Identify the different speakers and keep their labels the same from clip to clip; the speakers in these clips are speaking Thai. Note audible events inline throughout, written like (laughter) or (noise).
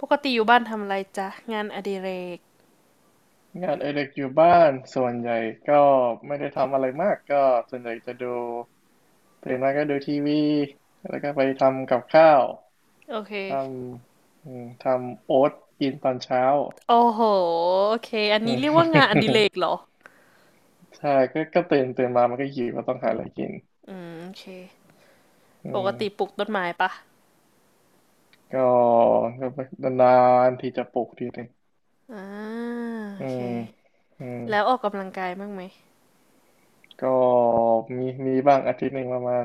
Speaker 1: ปกติอยู่บ้านทำอะไรจ๊ะงานอดิเรก
Speaker 2: งานเอดิเด็กอยู่บ้านส่วนใหญ่ก็ไม่ได้ทำอะไรมากก็ส่วนใหญ่จะดูตื่นมาก็ดูทีวีแล้วก็ไปทำกับข้าว
Speaker 1: โอเค
Speaker 2: ทำอืมทำโอ๊ตกินตอนเช้า
Speaker 1: โอ้โหโอเคอัน
Speaker 2: (laughs) อื
Speaker 1: นี้เรียกว่างานอดิ
Speaker 2: ม
Speaker 1: เรกเหรอ
Speaker 2: (laughs) ใช่ก็ตื่นมามันก็หิวก็ต้องหาอะไรกิน
Speaker 1: อืมโอเค
Speaker 2: อื
Speaker 1: ปกติปลู
Speaker 2: ม
Speaker 1: กต้นไม้ปะ
Speaker 2: ก็ก็นานๆที่จะปลุกทีหนึ่ง
Speaker 1: อ่าโอ
Speaker 2: อื
Speaker 1: เค
Speaker 2: มอืม
Speaker 1: แล้วออกกำลังกายบ้างไหม
Speaker 2: ก็มีบ้างอาทิตย์หนึ่งประมาณ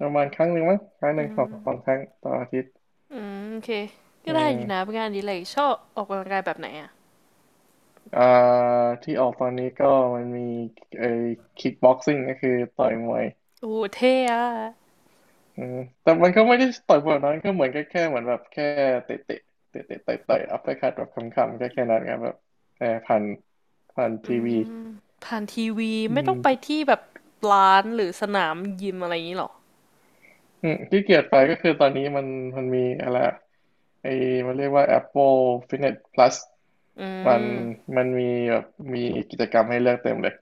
Speaker 2: ประมาณครั้งหนึ่งมั้งครั้งหนึ่
Speaker 1: อื
Speaker 2: งสอง
Speaker 1: ม
Speaker 2: สองครั้งต่ออาทิตย์
Speaker 1: อืมโอเคก็
Speaker 2: อื
Speaker 1: ได้อ
Speaker 2: ม
Speaker 1: ยู่นะเป็นงานอดิเรกชอบออกกำลังกายแบบไหนอ่ะ
Speaker 2: อ่าที่ออกตอนนี้ก็มันมีไอ้คิกบ็อกซิ่งก็คือต่อยมวย
Speaker 1: โอ้เท่อะ
Speaker 2: อืมแต่มันก็ไม่ได้ต่อยแบบนั้นก็เหมือนก็แค่เหมือนแบบแค่เตะเตะเตะเตะต่อยต่อยอัปเปอร์คัตแบบคำๆก็แค่นั้นครับแบบเออผ่านผ่าน
Speaker 1: อื
Speaker 2: ทีวี
Speaker 1: มผ่านทีวี
Speaker 2: อื
Speaker 1: ไม่ต้อ
Speaker 2: ม
Speaker 1: งไปที่แบบร้านหรือสนามยิมอะไรอย่างนี้หรอ
Speaker 2: อืมที่เกียดไปก็คือตอนนี้มันมีอะไรอะไอ้มันเรียกว่า Apple Fitness Plus
Speaker 1: อื
Speaker 2: มัน
Speaker 1: ม
Speaker 2: มีแบบมีกิจกรรมให้เลือกเต็มเลย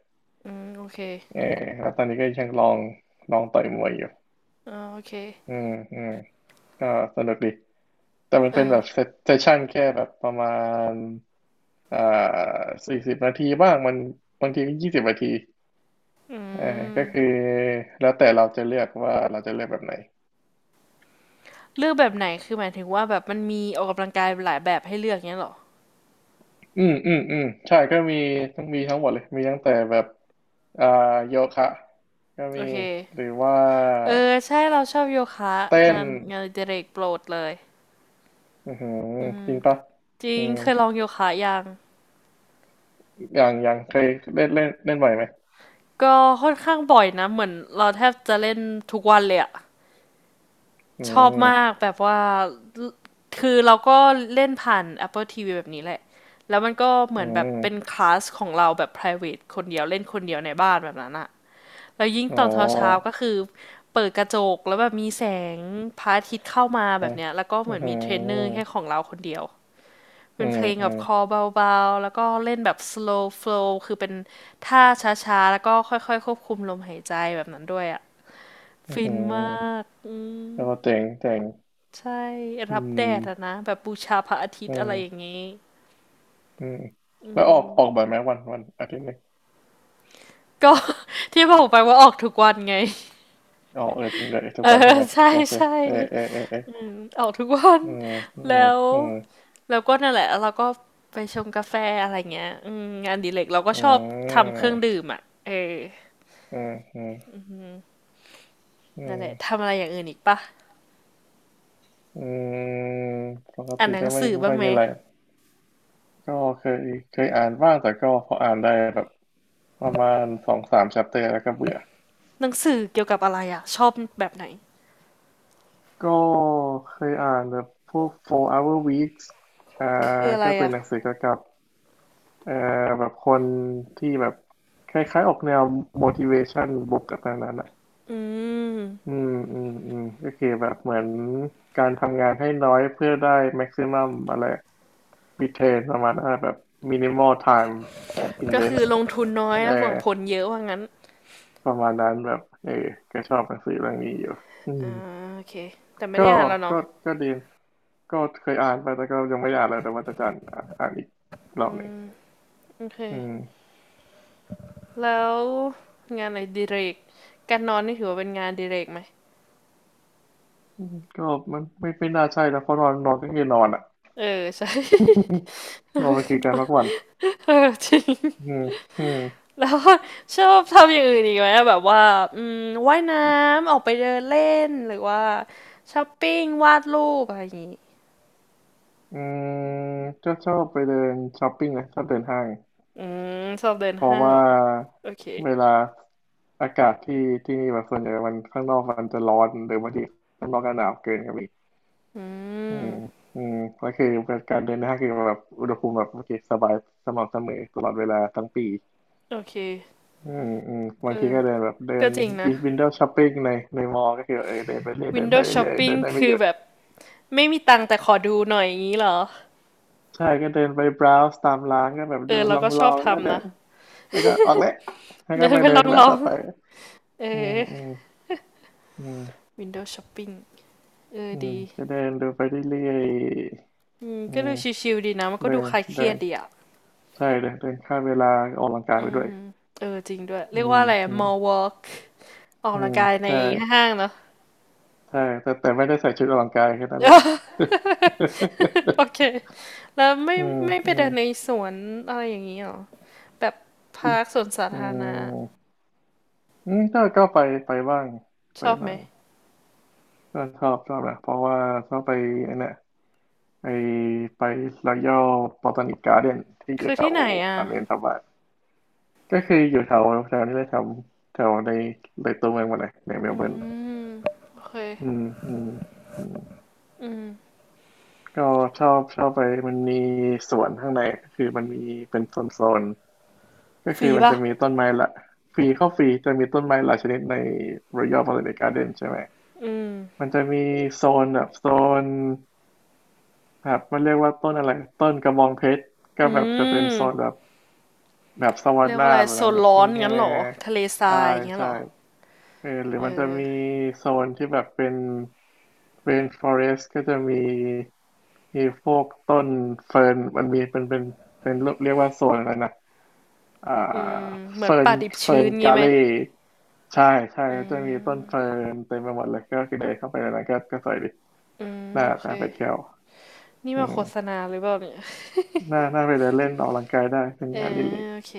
Speaker 1: อืมโอเค
Speaker 2: เออแล้วตอนนี้ก็ยังลองต่อยมวยอยู่
Speaker 1: อ่าโอเค
Speaker 2: อืมอืม ก็สนุกดีแต่มัน
Speaker 1: เออ
Speaker 2: เป็นแบบเซสชั่นแค่แบบประมาณอ่า40 นาทีบ้างมันบางทีก็20 นาที
Speaker 1: อื
Speaker 2: เอาก็คื
Speaker 1: ม
Speaker 2: อแล้วแต่เราจะเลือกว่าเราจะเลือกแบบไหน
Speaker 1: เลือกแบบไหน คือหมายถึงว่าแบบมันมีออกกำลังกายหลายแบบให้เลือกเงี้ยเหรอ
Speaker 2: อืมอืมอืมใช่ก็มีทั้งหมดเลยมีตั้งแต่แบบอ่าโยคะก็
Speaker 1: โอ
Speaker 2: มี
Speaker 1: เค
Speaker 2: หรือว่า
Speaker 1: เออใช่เราชอบโยคะ
Speaker 2: เต้น
Speaker 1: งานงานอดิเรกโปรดเลย
Speaker 2: อือหือ
Speaker 1: อืม
Speaker 2: จริงปะ
Speaker 1: จริ
Speaker 2: อื
Speaker 1: ง
Speaker 2: ม
Speaker 1: เคยลองโยคะยัง
Speaker 2: อย่างเคยเล่นเล่นเล่นบ่อยไหม
Speaker 1: ก็ค่อนข้างบ่อยนะเหมือนเราแทบจะเล่นทุกวันเลยอะ
Speaker 2: อื
Speaker 1: ชอบมาก
Speaker 2: ม
Speaker 1: แบบว่า คือเราก็เล่นผ่าน Apple TV แบบนี้แหละแล้วมันก็เหมื
Speaker 2: อื
Speaker 1: อนแบบ
Speaker 2: ม
Speaker 1: เป็นคลาสของเราแบบ private คนเดียวเล่นคนเดียวในบ้านแบบนั้นอะ แล้วยิ่ง
Speaker 2: อ๋อ
Speaker 1: ตอนเช้าๆก็คือเปิดกระจกแล้วแบบมีแสงพระอาทิตย์เข้ามาแบบเนี้ยแล้วก็เห
Speaker 2: อื
Speaker 1: มื
Speaker 2: อ
Speaker 1: อน
Speaker 2: หื
Speaker 1: มีเทรนเนอร์แค่ข
Speaker 2: อ
Speaker 1: องเราคนเดียว
Speaker 2: อื
Speaker 1: เป็นเพ
Speaker 2: ม
Speaker 1: ลง
Speaker 2: อื
Speaker 1: แบบ
Speaker 2: ม
Speaker 1: คอเบาๆแล้วก็เล่นแบบ slow flow คือเป็นท่าช้าๆแล้วก็ค่อยๆควบคุมลมหายใจแบบนั้นด้วยอ่ะ
Speaker 2: อื
Speaker 1: ฟินมา
Speaker 2: ม
Speaker 1: กอืม
Speaker 2: แล้วก็เจ๋งเจ๋ง
Speaker 1: ใช่
Speaker 2: อื
Speaker 1: รับแดดอะ
Speaker 2: ม
Speaker 1: นะแบบบูชาพระอาทิต
Speaker 2: อื
Speaker 1: ย์อะไรอย่าง
Speaker 2: ม
Speaker 1: งี้
Speaker 2: อืมแล้วออกบ่อยไหมวันอาทิตย์หนึ่ง
Speaker 1: ก็ (laughs) ที่บอกไปว่าออกทุกวันไง
Speaker 2: ออกเออจริงเลยทุ
Speaker 1: เอ
Speaker 2: ก
Speaker 1: อ
Speaker 2: วันใช่ไหม
Speaker 1: ใช่
Speaker 2: แกเจ
Speaker 1: ใช่
Speaker 2: เออเออเออเออ
Speaker 1: อืมออกทุกวัน
Speaker 2: อืมอื
Speaker 1: แล้
Speaker 2: ม
Speaker 1: ว
Speaker 2: อืม
Speaker 1: แล้วก็นั่นแหละแล้วเราก็ไปชงกาแฟอะไรเงี้ยอืมงานอดีเล็กเราก็
Speaker 2: อื
Speaker 1: ชอบทำ
Speaker 2: ม
Speaker 1: เครื่องดื่มอ่ะเออ
Speaker 2: อืมอืมอื
Speaker 1: นั่น
Speaker 2: ม
Speaker 1: แหละทำอะไรอย่างอื่นอีกปะ
Speaker 2: อืมปก
Speaker 1: อ่าน
Speaker 2: ติ
Speaker 1: หนั
Speaker 2: ก็
Speaker 1: ง
Speaker 2: ไม่
Speaker 1: สือ
Speaker 2: ไม่
Speaker 1: บ้า
Speaker 2: ค่
Speaker 1: ง
Speaker 2: อย
Speaker 1: ไหม
Speaker 2: มีอะไรก็เคยเคยอ่านบ้างแต่ก็พออ่านได้แบบประมาณสองสาม chapter แล้วก็เบื่อ
Speaker 1: หนังสือเกี่ยวกับอะไรอ่ะชอบแบบไหน
Speaker 2: ก็เคยอ่านแบบพวก four hour weeks อ่า
Speaker 1: คืออะไร
Speaker 2: ก็เป็น
Speaker 1: อ่ะ
Speaker 2: หนังสือเกี่ยวกับ เอ่อแบบคนที่แบบคล้ายๆออกแนว motivation บวกกับนั้นอ่ะ
Speaker 1: อืม
Speaker 2: อืมอืมอืมก็คือแบบเหมือนการทำงานให้น้อยเพื่อได้ maximum อะไร return ประมาณนั้นอะแบบ minimal time
Speaker 1: ก็คือ
Speaker 2: invest
Speaker 1: ลงทุนน้อย
Speaker 2: เออ
Speaker 1: แล้วหวังผลเยอะว่างั้น
Speaker 2: ประมาณนั้นแบบเออก็ชอบหนังสือเรื่องนี้อยู่อืม
Speaker 1: อ่าโอเคแต่ไม่ได้
Speaker 2: ก็
Speaker 1: อ่านแล้วเนาะ
Speaker 2: ก็ก็ดีก็เคยอ่านไปแต่ก็ยังไม่ได้อ่านเลยแต่ว่าจะอ่านอีกรอบหนึ่ง
Speaker 1: โอเค
Speaker 2: อืม
Speaker 1: แล้วงานอะไรอดีเรกการนอนนี่ถือว่าเป็นงานอดีเรกไหม
Speaker 2: ก็มันไม่น่าใช่นะเพราะนอนนอนก็คือนอนอ่ะ
Speaker 1: เออใช่
Speaker 2: (laughs) เราไปคุยกันพักผ่อน
Speaker 1: (laughs) เออจริง
Speaker 2: อืมอืม
Speaker 1: (laughs) แล้วก็ชอบทำอย่างอื่นอีกไหมแบบว่าอืมว่ายน้ำออกไปเดินเล่นหรือว่าช้อปปิ้งวาดรูปอะไรอย่างงี้
Speaker 2: อืมก็ชอบไปเดินช้อปปิ้งนะชอบเดินห้าง
Speaker 1: อืมชอบเดิน
Speaker 2: เพราะ
Speaker 1: ห้าง
Speaker 2: ว่า
Speaker 1: เหรอโอเค
Speaker 2: เวลาอากาศที่ที่นี่แบบส่วนใหญ่มันข้างนอกมันจะร้อนหรือบางทีข้างนอกก็หนาวเกินครับอีก
Speaker 1: อื
Speaker 2: อื
Speaker 1: ม
Speaker 2: มอืมก็คือการเดินห้างคือแบบอุณหภูมิแบบโอเคสบายสม่ำเสมอตลอดเวลาทั้งปี
Speaker 1: โอเค
Speaker 2: อืมอืม
Speaker 1: เอ
Speaker 2: บางที
Speaker 1: อ
Speaker 2: ก็เดินแบบเดิน
Speaker 1: ก็จริงนะ
Speaker 2: วินโดว์ช้อปปิ้งในในมอลล์ก็คือเออเดินไปเรื่อยเดินไป
Speaker 1: Windows
Speaker 2: เรื่อยเดิ
Speaker 1: Shopping
Speaker 2: นได้ไม่
Speaker 1: คื
Speaker 2: ห
Speaker 1: อ
Speaker 2: ยุด
Speaker 1: แบบไม่มีตังค์แต่ขอดูหน่อยอย่างนี้เหรอ
Speaker 2: ใช่ก็เดินไป browse ตามร้านก็แบบ
Speaker 1: เอ
Speaker 2: ดู
Speaker 1: อเรา
Speaker 2: ล
Speaker 1: ก็ชอ
Speaker 2: อ
Speaker 1: บ
Speaker 2: งๆแล้วก็
Speaker 1: ทำ
Speaker 2: เดิ
Speaker 1: นะ
Speaker 2: นแล้วก็ออกแล้วก็
Speaker 1: เดิน
Speaker 2: ไป
Speaker 1: ไป
Speaker 2: เดินแวะ
Speaker 1: ลอ
Speaker 2: ต่อ
Speaker 1: ง
Speaker 2: ไป
Speaker 1: ๆเอ
Speaker 2: อืม
Speaker 1: อ
Speaker 2: อืมอืม
Speaker 1: Windows Shopping เออ
Speaker 2: อืม
Speaker 1: ดี
Speaker 2: จะเดินดูไปเรื่อย
Speaker 1: อืม
Speaker 2: ๆอื
Speaker 1: ก็ดู
Speaker 2: ม
Speaker 1: ชิวๆดีนะมันก็
Speaker 2: เดิ
Speaker 1: ดู
Speaker 2: น
Speaker 1: คลายเค
Speaker 2: เดิ
Speaker 1: รียด
Speaker 2: น
Speaker 1: ดีอะ
Speaker 2: ใช่เดินเดินข้าเวลาออกกำลังกาย
Speaker 1: อื
Speaker 2: ไปด้
Speaker 1: ม
Speaker 2: วย
Speaker 1: เออจริงด้วยเรี
Speaker 2: อื
Speaker 1: ยก
Speaker 2: ม
Speaker 1: ว่าอะไรอะ
Speaker 2: อืม
Speaker 1: mall walk ออก
Speaker 2: อื
Speaker 1: กำลัง
Speaker 2: ม
Speaker 1: กายใน
Speaker 2: ใช่
Speaker 1: ห้างเนาะ
Speaker 2: ใช่แต่ไม่ได้ใส่ชุดออกกำลังกายแค่นั้นแหละ
Speaker 1: (laughs) โอเคแล้ว
Speaker 2: (laughs)
Speaker 1: ไม่
Speaker 2: อืม
Speaker 1: ไม่ไป
Speaker 2: อืม
Speaker 1: เดินในสวนอะไรอย่างนี้หรอแบบ
Speaker 2: อ
Speaker 1: พาร์คสวนสา
Speaker 2: ื
Speaker 1: ธารณะ
Speaker 2: มอืมก็ไปบ้าง
Speaker 1: ช
Speaker 2: ไป
Speaker 1: อบไหม
Speaker 2: บ้างก็ชอบนะเพราะว่าชอบไปไอ้เนี่ย ไอไปรอยัลบอตานิกการ์เดนที่อยู่
Speaker 1: คือ
Speaker 2: แถ
Speaker 1: ที่
Speaker 2: ว
Speaker 1: ไหนอ่ะ
Speaker 2: ซันเดนทับบ้านก็คืออยู่แถวแถวนี้เลยแถวแถวในเลยตัวเมืองหมาเลยในเมลเบิร์น
Speaker 1: โอเค
Speaker 2: อืมอืมอืมก็ชอบไปมันมีสวนข้างในก็คือมันมีเป็นโซนก็
Speaker 1: ฟ
Speaker 2: คื
Speaker 1: รี
Speaker 2: อมัน
Speaker 1: ป่ะ
Speaker 2: จะมีต้นไม้ละฟรีเข้าฟรีจะมีต้นไม้หลายชนิดในรอย a l b อต a นิก g า r d เดนใช่ไหมมันจะมีโซนแบบมันเรียกว่าต้นอะไรต้นกระบองเพชรก็
Speaker 1: อื
Speaker 2: แบบจะเป็น
Speaker 1: ม
Speaker 2: โซนแบบ แบบสวัสด
Speaker 1: เรียก
Speaker 2: ห
Speaker 1: ว่า
Speaker 2: น้า
Speaker 1: อะไร
Speaker 2: แบบ
Speaker 1: โซ
Speaker 2: นั้น
Speaker 1: น
Speaker 2: แบบ
Speaker 1: ร้อ
Speaker 2: แห้
Speaker 1: น
Speaker 2: ง
Speaker 1: งั้นเหรอทะเลท
Speaker 2: ๆ
Speaker 1: รา
Speaker 2: ใช่
Speaker 1: ยอย่างเงี้ย
Speaker 2: ใช่
Speaker 1: เหรอ
Speaker 2: เออหรือ
Speaker 1: เอ
Speaker 2: มันจะ
Speaker 1: อ
Speaker 2: มีโซนที่แบบเป็นเ n f ฟอเรสก็จะมีมีพวกต้นเฟิร์นมันมีเป็นเรียกว่าโซนอะไรนะอ่
Speaker 1: อื
Speaker 2: า
Speaker 1: มเหมือน
Speaker 2: เฟิร์น
Speaker 1: ป่าดิบ
Speaker 2: เฟิ
Speaker 1: ชื้
Speaker 2: ร์น
Speaker 1: นงี้
Speaker 2: กา
Speaker 1: ไหม
Speaker 2: เล่ใช่ใช่จะมีต้นเฟิร์นเต็มไปหมดเลยก็คือเดินเข้าไปในนั้นก็สวยดี
Speaker 1: อืม
Speaker 2: น่า
Speaker 1: โอเค
Speaker 2: น่าไปเที่ยว
Speaker 1: นี่
Speaker 2: อื
Speaker 1: มา
Speaker 2: ม
Speaker 1: โฆษณาหรือเปล่าเนี่ย
Speaker 2: น่าไปเดินเล่นออกกำลังกายได้เป็น
Speaker 1: เอ
Speaker 2: งานอดิเร
Speaker 1: อ
Speaker 2: ก
Speaker 1: โอเค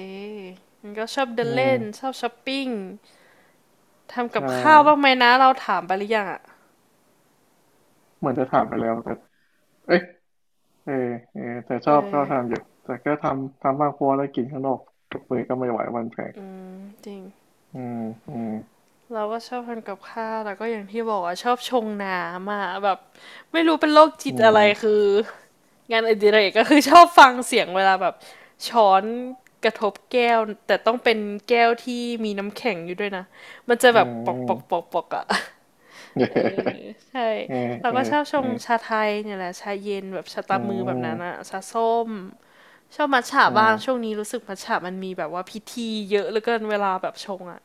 Speaker 1: มันก็ชอบเดิ
Speaker 2: อื
Speaker 1: น
Speaker 2: ม
Speaker 1: เล่นชอบช้อปปิ้ง ทำกับ
Speaker 2: ใช่
Speaker 1: ข้าวบ้างไหมนะเราถามไปหรือยังอ่ะ
Speaker 2: เหมือนจะถามไปแล้วแต่เอ้ย เออเออแต่ช
Speaker 1: เอ
Speaker 2: อบ
Speaker 1: อ
Speaker 2: ทำอยู่แต่ก็ทำบ้างเพราะว่าได้กินข้างนอกกับมือก็ไม่ไหวมันแพง
Speaker 1: อืมจริง
Speaker 2: อืมอืม
Speaker 1: เราก็ชอบทำกับข้าวแล้วก็อย่างที่บอกอ่ะชอบชงน้ำอ่ะแบบไม่รู้เป็นโรคจิต
Speaker 2: อื
Speaker 1: อะไร
Speaker 2: ม
Speaker 1: คืองานอดิเรกก็คือชอบฟังเสียงเวลาแบบช้อนกระทบแก้วแต่ต้องเป็นแก้วที่มีน้ำแข็งอยู่ด้วยนะมันจะ
Speaker 2: อื
Speaker 1: แบบปอกปอกป
Speaker 2: ม
Speaker 1: อกปอกอ่ะเออใช่
Speaker 2: เออ
Speaker 1: เรา
Speaker 2: เออ
Speaker 1: ก็ชอบช
Speaker 2: เออ
Speaker 1: งชาไทยเนี่ยแหละชาเย็นแบบชา
Speaker 2: เออ
Speaker 1: ตา
Speaker 2: อื
Speaker 1: มือแบบนั้นอะ
Speaker 2: ม
Speaker 1: ชาส้ม ชอบมัทฉะ
Speaker 2: อื
Speaker 1: บ้างช่วง
Speaker 2: ม
Speaker 1: นี้รู้สึกมัทฉะมันมีแบบว่าพิธีเยอะเหลือเกินเวลาแบบชงอะ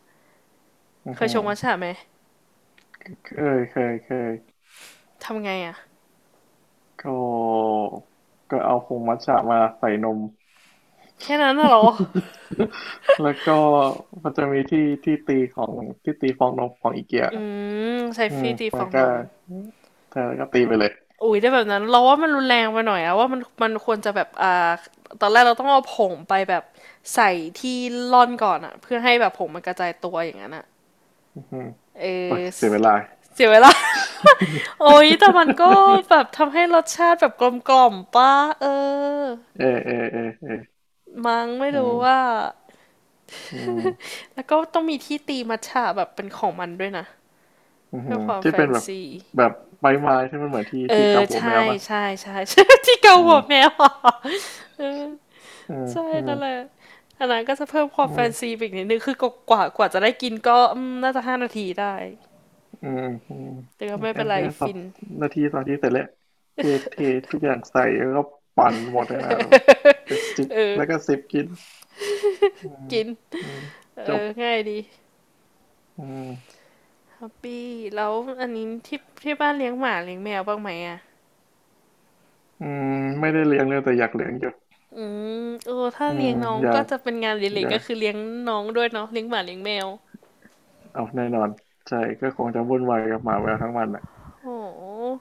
Speaker 2: อื
Speaker 1: เคยชงมัทฉะ
Speaker 2: ม
Speaker 1: ไหม
Speaker 2: เคเคยเคย
Speaker 1: ทำไงอะ
Speaker 2: ก็เอาผงมัทฉะมาใส่นม
Speaker 1: แค่นั้นน่ะเหรอ
Speaker 2: แล้วก็มันจะมีที่ตีของที่ตีฟองนมของอีเกีย
Speaker 1: อืมใช้
Speaker 2: อืม
Speaker 1: ฟีตีฟ
Speaker 2: แล้
Speaker 1: อ
Speaker 2: ว
Speaker 1: ง
Speaker 2: ก็
Speaker 1: นม
Speaker 2: เธอก็ตีไปเลย
Speaker 1: อุ้ยได้แบบนั้นเราว่ามันรุนแรงไปหน่อยอะว่ามันควรจะแบบอ่าตอนแรกเราต้องเอาผงไปแบบใส่ที่ร่อนก่อนอะเพื่อให้แบบผงมันกระจายตัวอย่างนั้นอะ
Speaker 2: อืม
Speaker 1: เอ
Speaker 2: โอ้ย
Speaker 1: อ
Speaker 2: เสียเวลา
Speaker 1: เสียเวลา (laughs) โอ้ยแต่มันก็แบบทำให้รสชาติแบบกลมกล่อมป้าเออ
Speaker 2: เออเออเออเออ
Speaker 1: มั้งไม่
Speaker 2: อื
Speaker 1: รู้ว่า
Speaker 2: มอืม
Speaker 1: แล้วก็ต้องมีที่ตีมัทฉะแบบเป็นของมันด้วยนะ
Speaker 2: อืม
Speaker 1: เพื่อความ
Speaker 2: ที่
Speaker 1: แฟ
Speaker 2: เป็น
Speaker 1: น
Speaker 2: แบบ
Speaker 1: ซี
Speaker 2: แบบไม้ที่มันเหมือน
Speaker 1: เอ
Speaker 2: ที่
Speaker 1: อ
Speaker 2: เกาหัว
Speaker 1: ใช่
Speaker 2: แมวป่ะ
Speaker 1: ใช่ใช่ (laughs) ใช่ที่เกา
Speaker 2: อื
Speaker 1: หัวแม
Speaker 2: ม
Speaker 1: ว (laughs) เออ
Speaker 2: อืม
Speaker 1: ใช่
Speaker 2: อืม
Speaker 1: นั่นแหละอันนั้นก็จะเพิ่มควา
Speaker 2: อื
Speaker 1: มแฟนซี
Speaker 2: ม
Speaker 1: อีกนิดนึงคือกว่าจะได้กินก็มน่าจะ5 นาทีได้
Speaker 2: อืมอืม
Speaker 1: แต่ก็ไม่
Speaker 2: อั
Speaker 1: เป็น
Speaker 2: น
Speaker 1: ไร
Speaker 2: เนี้ย
Speaker 1: ฟิน
Speaker 2: สองนาทีเสร็จแล้วเทเททุกอย่างใส่แล้วก็ปั่นหมดเลยนะแต่จิบ
Speaker 1: เออ
Speaker 2: แล้วก็สิบกินอืม
Speaker 1: กิน
Speaker 2: อืมจ
Speaker 1: เอ
Speaker 2: บ
Speaker 1: อง่ายดี
Speaker 2: อืม
Speaker 1: แฮปปี้แล้วอันนี้ที่บ้านเลี้ยงหมาเลี้ยงแมวบ้างไหมอ่ะ
Speaker 2: อืมไม่ได้เลี้ยงเลยแต่อยากเลี้ยงอยู่
Speaker 1: อืมเออถ้า
Speaker 2: อื
Speaker 1: เลี้
Speaker 2: ม
Speaker 1: ยงน้อง
Speaker 2: อยา
Speaker 1: ก็
Speaker 2: ก
Speaker 1: จะเป็นงาน
Speaker 2: อ
Speaker 1: เล็ก
Speaker 2: ยา
Speaker 1: ๆก็
Speaker 2: ก
Speaker 1: คือเลี้ยงน้องด้วยเนาะเลี้ยงหมาเลี้ยงแมว
Speaker 2: เอาแน่นอนใช่ก็คงจะวุ่นวายกับหมาแมวทั้งวันแหละ
Speaker 1: โห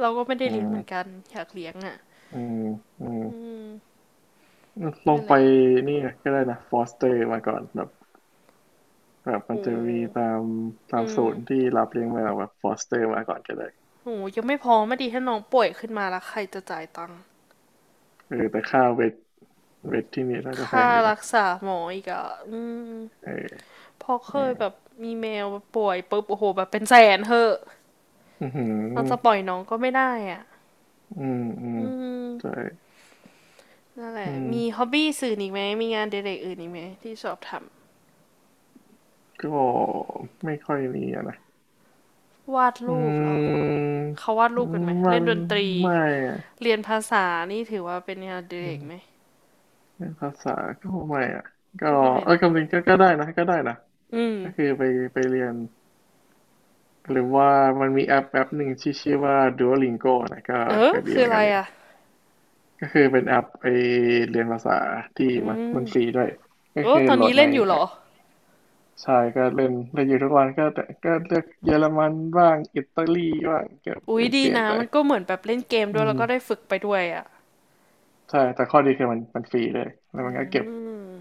Speaker 1: เราก็ไม่ได้
Speaker 2: อื
Speaker 1: เลี้ยงเหมือน
Speaker 2: ม
Speaker 1: กันอยากเลี้ยงอ่ะ
Speaker 2: อืมอืม
Speaker 1: อืม
Speaker 2: ลอง
Speaker 1: นั่นแห
Speaker 2: ไป
Speaker 1: ละ
Speaker 2: นี่ก็ได้นะฟอสเตอร์มาก่อนแบบแบบมัน
Speaker 1: โอ้
Speaker 2: จะมีตาม
Speaker 1: อืม
Speaker 2: ศูนย์ที่รับเลี้ยงแมวแบบฟอสเตอร์มาก่อนก็ได้
Speaker 1: โหยังไม่พอไม่ดีถ้าน้องป่วยขึ้นมาแล้วใครจะจ่ายตังค์
Speaker 2: เออแต่ค่าเวทเวทที่นี่น่าจะแพง
Speaker 1: ค่า
Speaker 2: อยู่นะ
Speaker 1: รักษาหมออีกอ่ะอืม
Speaker 2: เออ
Speaker 1: พอเค
Speaker 2: อื
Speaker 1: ย
Speaker 2: ม
Speaker 1: แบบมีแมวป่วยปุ๊บโอ้โหแบบเป็นแสนเถอะ
Speaker 2: อือหือ
Speaker 1: เราจะปล่อยน้องก็ไม่ได้อ่ะ
Speaker 2: อืมอืม
Speaker 1: อืม
Speaker 2: ใช่
Speaker 1: นั่นแห
Speaker 2: อื
Speaker 1: ละ
Speaker 2: ม
Speaker 1: มีฮ็อบบี้สื่ออีกไหมมีงานเด็กๆอื่นอีกไหมที่ชอบท
Speaker 2: ก็ไม่ค่อยมีอะนะ
Speaker 1: ำ วาด
Speaker 2: อื
Speaker 1: รูปเหรอ
Speaker 2: ม
Speaker 1: เขาวาดรูปกันไหม
Speaker 2: มั
Speaker 1: เล่น
Speaker 2: น
Speaker 1: ดนตรี
Speaker 2: ไม่อะ
Speaker 1: เรียนภาษานี่ถือว่าเป็นงานเด็กๆไหม
Speaker 2: เรื่องภาษาก็ไม่อ่ะก็
Speaker 1: ก็ไม่
Speaker 2: เออ
Speaker 1: เนาะ
Speaker 2: คำลังก็ได้นะ
Speaker 1: อืม
Speaker 2: ก็คือไปไปเรียนหรือว่ามันมีแอปหนึ่งที่ชื่อว่า Duolingo นะก็
Speaker 1: เออ
Speaker 2: ก็ดี
Speaker 1: คื
Speaker 2: เห
Speaker 1: อ
Speaker 2: มือ
Speaker 1: อะ
Speaker 2: น
Speaker 1: ไร
Speaker 2: กันนี่
Speaker 1: อ่ะ
Speaker 2: ก็คือเป็นแอปไปเรียนภาษาที่มันฟรีด้วยก็
Speaker 1: โอ้
Speaker 2: คือ
Speaker 1: ตอน
Speaker 2: โหล
Speaker 1: นี้
Speaker 2: ดใน
Speaker 1: เล่นอยู่เหรอ
Speaker 2: ใช่ก็เล่นเล่นอยู่ทุกวันก็แต่ก็เลือกเยอรมันบ้างอิตาลีบ้างก็เป
Speaker 1: อุ๊ย
Speaker 2: ลี่ยน
Speaker 1: ดีนะ
Speaker 2: ไป
Speaker 1: มันก็เหมือนแบบเล่นเกม
Speaker 2: อื
Speaker 1: ด้วย
Speaker 2: ม
Speaker 1: แล้วก็ได้ฝึกไปด้วยอ่ะ
Speaker 2: ใช่แต่ข้อดีคือมันฟรีเลยแล้ว
Speaker 1: อื
Speaker 2: มันก็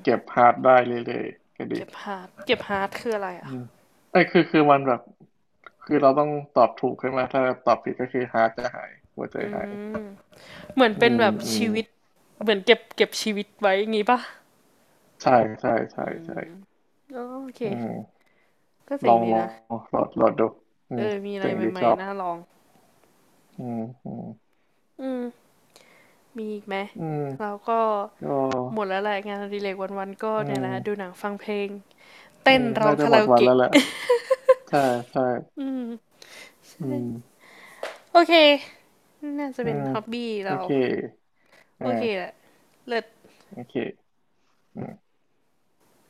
Speaker 2: เก็
Speaker 1: ม
Speaker 2: บฮาร์ดได้เรื่อยๆก็ดี
Speaker 1: เก็บฮาร์ดคืออะไร
Speaker 2: อื
Speaker 1: อ่ะ
Speaker 2: มไอ้ยคือมันแบบคือเราต้องตอบถูกใช่ไหมถ้าตอบผิดก็คือฮาร์ทจะหายหัวใจ
Speaker 1: อื
Speaker 2: หาย
Speaker 1: มเหมือน
Speaker 2: อื
Speaker 1: เป็น
Speaker 2: ม
Speaker 1: แบบ
Speaker 2: อืม
Speaker 1: ชีวิต เหมือนเก็บชีวิตไว้อย่างงี้ปะ
Speaker 2: ใช่ใช่ใช่
Speaker 1: อ๋อโอเค
Speaker 2: อืม
Speaker 1: ก็เจ๋
Speaker 2: ล
Speaker 1: ง
Speaker 2: อง
Speaker 1: ดีนะ
Speaker 2: โหลดดูอื
Speaker 1: เอ
Speaker 2: ม
Speaker 1: อมีอะไร
Speaker 2: เจ๋งดี
Speaker 1: ใหม่
Speaker 2: ชอบ
Speaker 1: ๆน่าลอง
Speaker 2: อืมอืม
Speaker 1: อืมมีอีกไหม
Speaker 2: อืม
Speaker 1: แล้วก็
Speaker 2: ก็
Speaker 1: หมดแล้วแหละงานอดิเรกวันๆก็
Speaker 2: อื
Speaker 1: เนี่ย
Speaker 2: ม
Speaker 1: แหละดูหนังฟังเพลง
Speaker 2: เออ
Speaker 1: เต้นร้อ
Speaker 2: น่า
Speaker 1: ง
Speaker 2: จะ
Speaker 1: คา
Speaker 2: หม
Speaker 1: รา
Speaker 2: ด
Speaker 1: โอ
Speaker 2: วันแล้
Speaker 1: เกะ
Speaker 2: วแหละใช่ใช่อืม
Speaker 1: โอเคน่าจะ
Speaker 2: อื
Speaker 1: เป็น
Speaker 2: ม
Speaker 1: ฮ็อบบี้
Speaker 2: โอ
Speaker 1: เรา
Speaker 2: เค
Speaker 1: โอเคแห
Speaker 2: อ่า
Speaker 1: ละเลิศ
Speaker 2: โอเค